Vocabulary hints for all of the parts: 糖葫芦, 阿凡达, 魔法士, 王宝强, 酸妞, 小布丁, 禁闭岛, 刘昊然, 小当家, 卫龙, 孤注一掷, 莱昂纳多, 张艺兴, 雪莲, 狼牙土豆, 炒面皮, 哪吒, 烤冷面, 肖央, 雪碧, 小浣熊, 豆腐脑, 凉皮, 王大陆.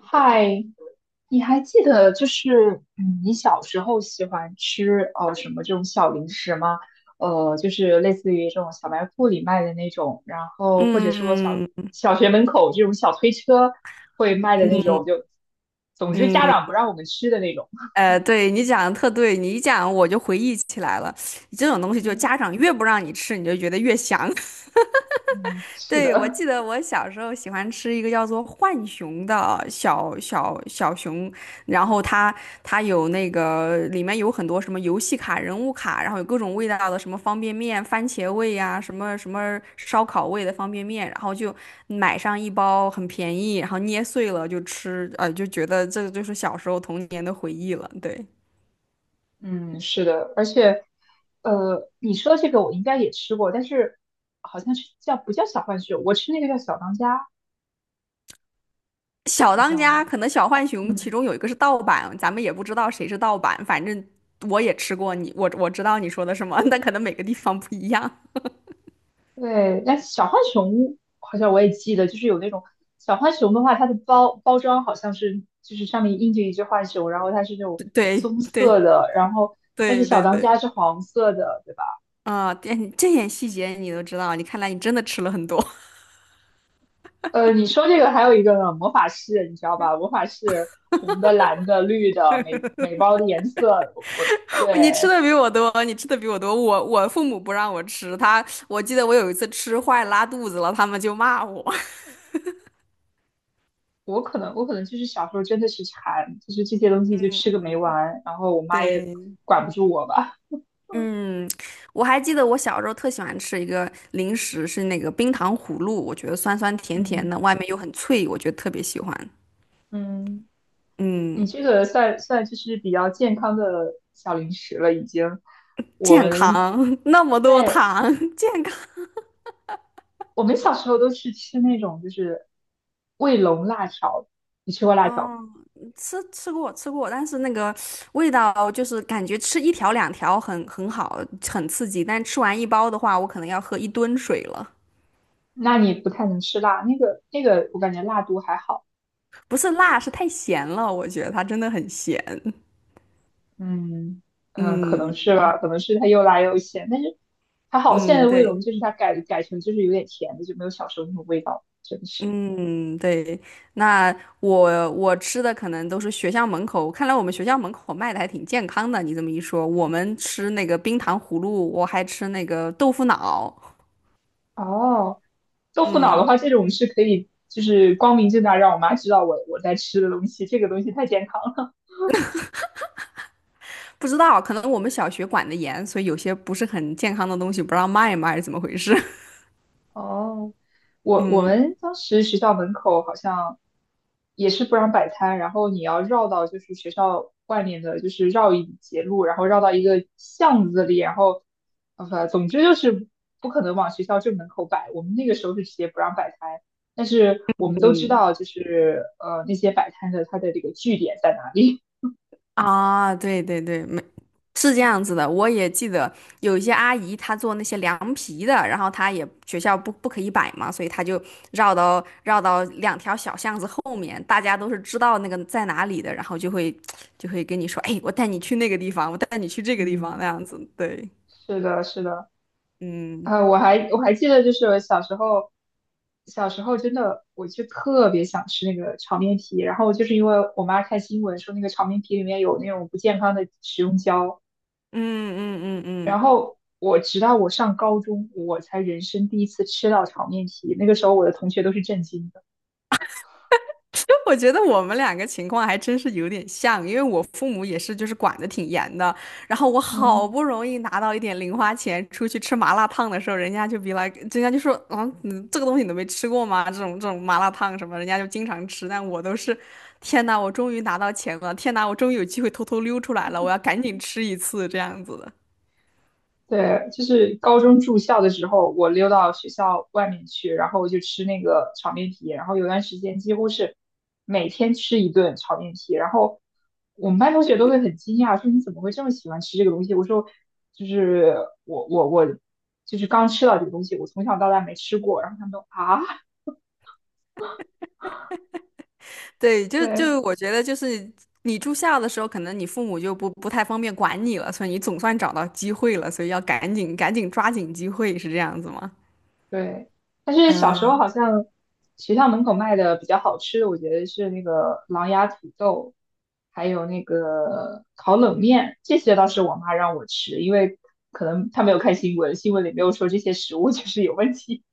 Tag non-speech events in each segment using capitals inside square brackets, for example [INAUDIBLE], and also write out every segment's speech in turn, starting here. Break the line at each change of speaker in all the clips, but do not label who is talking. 嗨，你还记得就是你小时候喜欢吃什么这种小零食吗？就是类似于这种小卖部里卖的那种，然后或者说小
嗯
小学门口这种小推车会卖的那种，就总之家
嗯，
长不让我们吃的那种。
对你讲的特对，你一讲我就回忆起来了。这种东西就
嗯
家长越不让你吃，你就觉得越香。[LAUGHS]
嗯，是的，
对，我记得我小时候喜欢吃一个叫做浣熊的小熊，然后它有那个里面有很多什么游戏卡、人物卡，然后有各种味道的什么方便面、番茄味呀、什么烧烤味的方便面，然后就买上一包，很便宜，然后捏碎了就吃，就觉得这就是小时候童年的回忆了。对，
嗯，是的，而且你说这个我应该也吃过，但是好像是叫不叫小浣熊，我吃那个叫小当家，
小
你知
当
道
家
吗？
可能小浣熊其
嗯。
中有一个是盗版，咱们也不知道谁是盗版，反正我也吃过你，我知道你说的什么，但可能每个地方不一样。
对，但小浣熊好像我也记得，就是有那种小浣熊的话，它的包装好像是就是上面印着一只浣熊，然后它是那
[LAUGHS]
种
对
棕色
对
的，然后但是
对
小
对
当
对。
家是黄色的，对吧？
啊，这点细节你都知道，你看来你真的吃了很多。
你说这个还有一个呢魔法士，你知道吧？魔法士红的、蓝的、绿的，每包的颜色，我，
[LAUGHS] 你吃
对，
的比我多，你吃的比我多。我父母不让我吃，他我记得我有一次吃坏拉肚子了，他们就骂我。
我可能就是小时候真的是馋，就是这些东西就吃个没完，然后我
[LAUGHS]
妈也
对。
管不住我吧，
嗯，我还记得我小时候特喜欢吃一个零食，是那个冰糖葫芦，我觉得酸酸甜甜
嗯。
的，外面又很脆，我觉得特别喜欢。
嗯。你
嗯，
这个算就是比较健康的小零食了，已经。我
健
们，
康，[LAUGHS] 那么多
对，
糖，[LAUGHS] 健康。
我们小时候都是吃那种就是卫龙辣条，你吃过辣条吗？
啊！吃过，但是那个味道就是感觉吃一条两条很好，很刺激，但吃完一包的话，我可能要喝一吨水了。
那你不太能吃辣，那个我感觉辣度还好，
不是辣，是太咸了，我觉得它真的很咸。
嗯嗯，可能
嗯
是吧，可能是它又辣又咸，但是还好现在
嗯，
的卫
对。
龙就是它改成就是有点甜的，就没有小时候那种味道，真的是。
嗯，对，那我我吃的可能都是学校门口，看来我们学校门口卖的还挺健康的。你这么一说，我们吃那个冰糖葫芦，我还吃那个豆腐脑。
哦，豆腐脑的
嗯，
话，这种是可以，就是光明正大让我妈知道我在吃的东西，这个东西太健康了。
不知道，可能我们小学管的严，所以有些不是很健康的东西不让卖嘛，还是怎么回事？[LAUGHS]
[LAUGHS] 哦，我我
嗯
们当时学校门口好像也是不让摆摊，然后你要绕到就是学校外面的，就是绕一节路，然后绕到一个巷子里，然后总之就是不可能往学校正门口摆。我们那个时候是直接不让摆摊，但是我们都知
嗯。
道就是那些摆摊的它的这个据点在哪里。
啊，对对对，没，是这样子的。我也记得有一些阿姨，她做那些凉皮的，然后她也学校不可以摆嘛，所以她就绕到两条小巷子后面，大家都是知道那个在哪里的，然后就会跟你说，哎，我带你去那个地方，我带你去这
[LAUGHS]
个地方，
嗯，
那样子。对，
是的，是的。
嗯
我还记得，就是我小时候真的，我就特别想吃那个炒面皮，然后就是因为我妈看新闻说那个炒面皮里面有那种不健康的食用胶，
嗯嗯嗯
然
嗯。
后我直到我上高中，我才人生第一次吃到炒面皮，那个时候我的同学都是震惊的。
就 [LAUGHS] 我觉得我们两个情况还真是有点像，因为我父母也是，就是管得挺严的。然后我好
嗯。
不容易拿到一点零花钱，出去吃麻辣烫的时候，人家就比来，人家就说，啊，你这个东西你都没吃过吗？这种这种麻辣烫什么，人家就经常吃。但我都是，天呐，我终于拿到钱了！天呐，我终于有机会偷偷溜出来了！我要赶紧吃一次这样子的。
对，就是高中住校的时候，我溜到学校外面去，然后我就吃那个炒面皮，然后有段时间几乎是每天吃一顿炒面皮，然后我们班同学都会很惊讶，说你怎么会这么喜欢吃这个东西？我说就是我就是刚吃到这个东西，我从小到大没吃过，然后他们都啊，
对，
[LAUGHS]
就
对，
就我觉得就是你住校的时候，可能你父母就不太方便管你了，所以你总算找到机会了，所以要赶紧抓紧机会，是这样子吗？
对，但是小时候
嗯，
好像学校门口卖的比较好吃的，我觉得是那个狼牙土豆，还有那个烤冷面，这些倒是我妈让我吃，因为可能她没有看新闻，新闻里没有说这些食物就是有问题。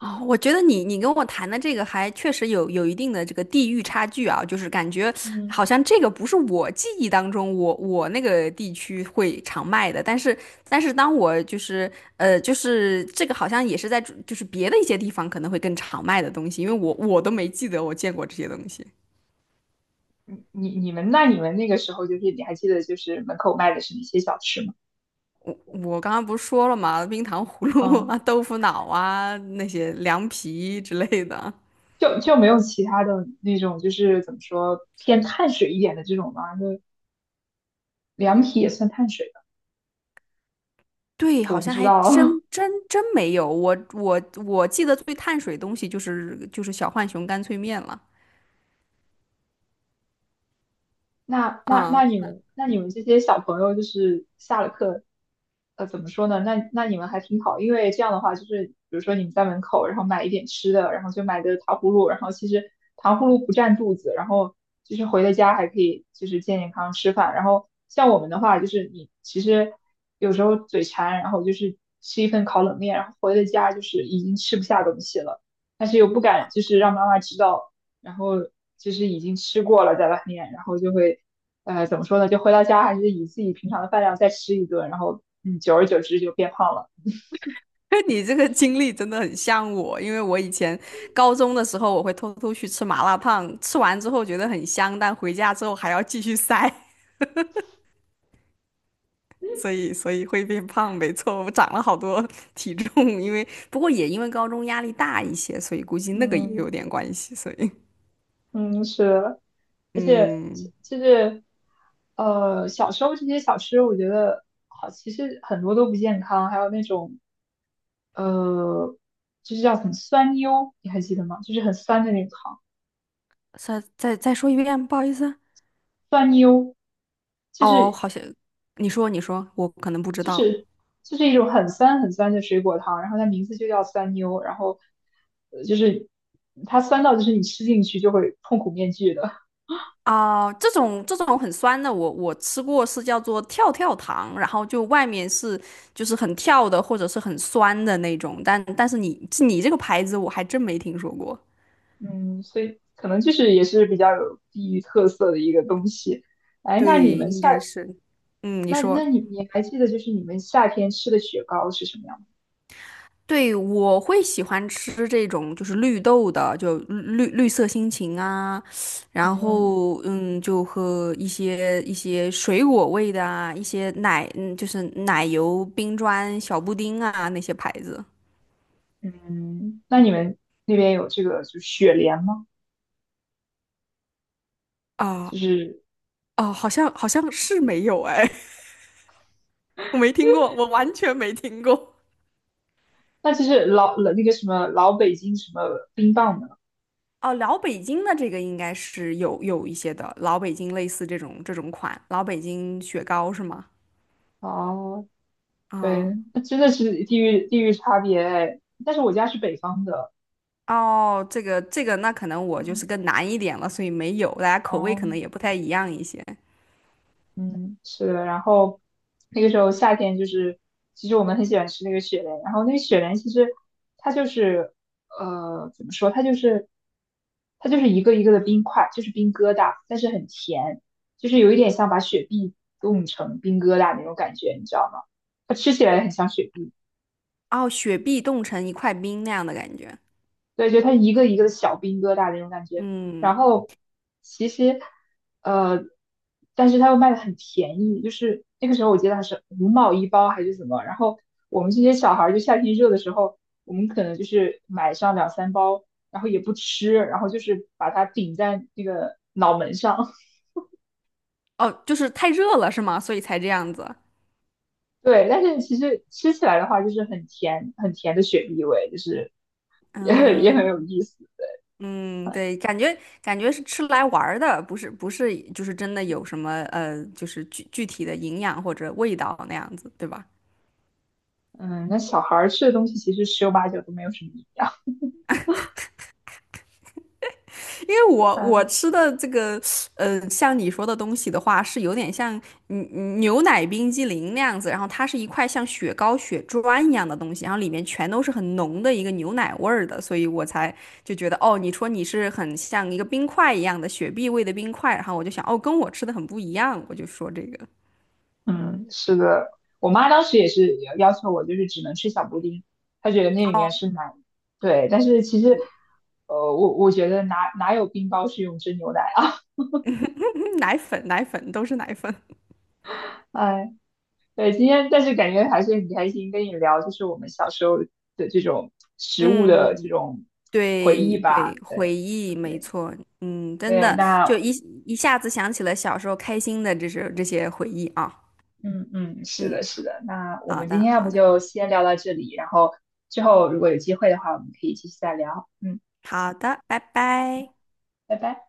哦，我觉得你你跟我谈的这个还确实有一定的这个地域差距啊，就是感觉
嗯，
好像这个不是我记忆当中我我那个地区会常卖的，但是但是当我就是就是这个好像也是在就是别的一些地方可能会更常卖的东西，因为我我都没记得我见过这些东西。
你们那个时候就是你还记得就是门口卖的是哪些小吃吗？
我刚刚不是说了嘛，冰糖葫芦
嗯，
啊、豆腐脑啊、那些凉皮之类的。
就没有其他的那种就是怎么说偏碳水一点的这种吗？就凉皮也算碳水吧？
对，
我
好
不
像
知
还
道。
真
[LAUGHS]
真真没有。我记得最碳水东西就是小浣熊干脆面了。
那那那
啊，
你们那你们这些小朋友就是下了课，怎么说呢？那你们还挺好，因为这样的话就是，比如说你们在门口，然后买一点吃的，然后就买个糖葫芦，然后其实糖葫芦不占肚子，然后就是回了家还可以就是健健康康吃饭。然后像我们的话，就是你其实有时候嘴馋，然后就是吃一份烤冷面，然后回了家就是已经吃不下东西了，但是又不敢就是让妈妈知道。然后就是已经吃过了在外面，然后就会，怎么说呢？就回到家还是以自己平常的饭量再吃一顿，然后久而久之就变胖了。
[LAUGHS] 你这个经历真的很像我，因为我以前高中的时候，我会偷偷去吃麻辣烫，吃完之后觉得很香，但回家之后还要继续塞。[LAUGHS] 所以会变胖，没错，我长了好多 [LAUGHS] 体重，因为不过也因为高中压力大一些，所以估计那个也
嗯
有点关系，所以
嗯，是的，而且
嗯，
就是小时候这些小吃，我觉得好，其实很多都不健康，还有那种呃，就是叫很酸妞，你还记得吗？就是很酸的那种糖，
再说一遍，不好意思。
酸妞，就
哦，
是
好像你说你说，我可能不知
就
道。
是一种很酸很酸的水果糖，然后它名字就叫酸妞，然后就是它酸到就是你吃进去就会痛苦面具的，
哦，这种这种很酸的，我我吃过是叫做跳跳糖，然后就外面是就是很跳的或者是很酸的那种，但但是你你这个牌子我还真没听说过。
嗯，所以可能就是也是比较有地域特色的一个东西。哎，那你
对，
们
应
夏
该是。嗯，你
那那
说。
你你还记得就是你们夏天吃的雪糕是什么样吗？
对，我会喜欢吃这种就是绿豆的，就绿绿色心情啊，然
嗯
后嗯，就和一些一些水果味的啊，一些奶，嗯，就是奶油冰砖小布丁啊那些牌子
嗯，那你们那边有这个就是雪莲吗？
啊。
就是
哦，好像好像是没有哎。[LAUGHS] 我没听过，我完全没听过。
那就是老那个什么老北京什么冰棒呢？
哦，老北京的这个应该是有有一些的，老北京类似这种这种款，老北京雪糕是吗？
哦，
啊。
对，那真的是地域差别哎。但是我家是北方的，
哦，这个这个，那可能我就是
嗯，
更难一点了，所以没有，大家口味可
哦，
能也不太一样一些。
嗯，是的。然后那个时候夏天就是，其实我们很喜欢吃那个雪莲。然后那个雪莲其实它就是，怎么说？它就是一个一个的冰块，就是冰疙瘩，但是很甜，就是有一点像把雪碧冻成冰疙瘩那种感觉，你知道吗？它吃起来很像雪碧。
哦，雪碧冻成一块冰那样的感觉。
对，就它一个一个的小冰疙瘩那种感觉。
嗯，
然后其实，呃，但是它又卖的很便宜，就是那个时候我记得还是5毛一包还是怎么。然后我们这些小孩儿就夏天热的时候，我们可能就是买上两三包，然后也不吃，然后就是把它顶在那个脑门上。[LAUGHS]
哦，就是太热了是吗？所以才这样子。
对，但是其实吃起来的话，就是很甜很甜的雪碧味，就是也 [LAUGHS] 也很有
嗯
意思。
嗯，对，感觉感觉是吃来玩儿的，不是不是，就是真的有什么就是具体的营养或者味道那样子，对吧？
嗯，那小孩儿吃的东西其实十有八九都没有什么营养。
因为我我
嗯。
吃的这个，像你说的东西的话，是有点像嗯嗯牛奶冰激凌那样子，然后它是一块像雪糕、雪砖一样的东西，然后里面全都是很浓的一个牛奶味儿的，所以我才就觉得，哦，你说你是很像一个冰块一样的雪碧味的冰块，然后我就想，哦，跟我吃的很不一样，我就说这个，
嗯，是的，我妈当时也是要求我，就是只能吃小布丁，她觉得那里
哦，
面是奶。对，但是其实，我觉得哪有冰雹是用真牛奶啊？
嗯奶粉，奶粉都是奶粉，
[LAUGHS] 哎，对，今天但是感觉还是很开心跟你聊，就是我们小时候的这种食物的这
嗯，
种回
对
忆吧。
对，回
对
忆没
对
错，嗯，真
对，
的
那
就一一下子想起了小时候开心的这是这些回忆啊，
嗯嗯，是
嗯，
的，是的，那我
好
们今
的
天要
好
不
的
就先聊到这里，然后之后如果有机会的话，我们可以继续再聊。嗯，
好的，拜拜。
拜拜。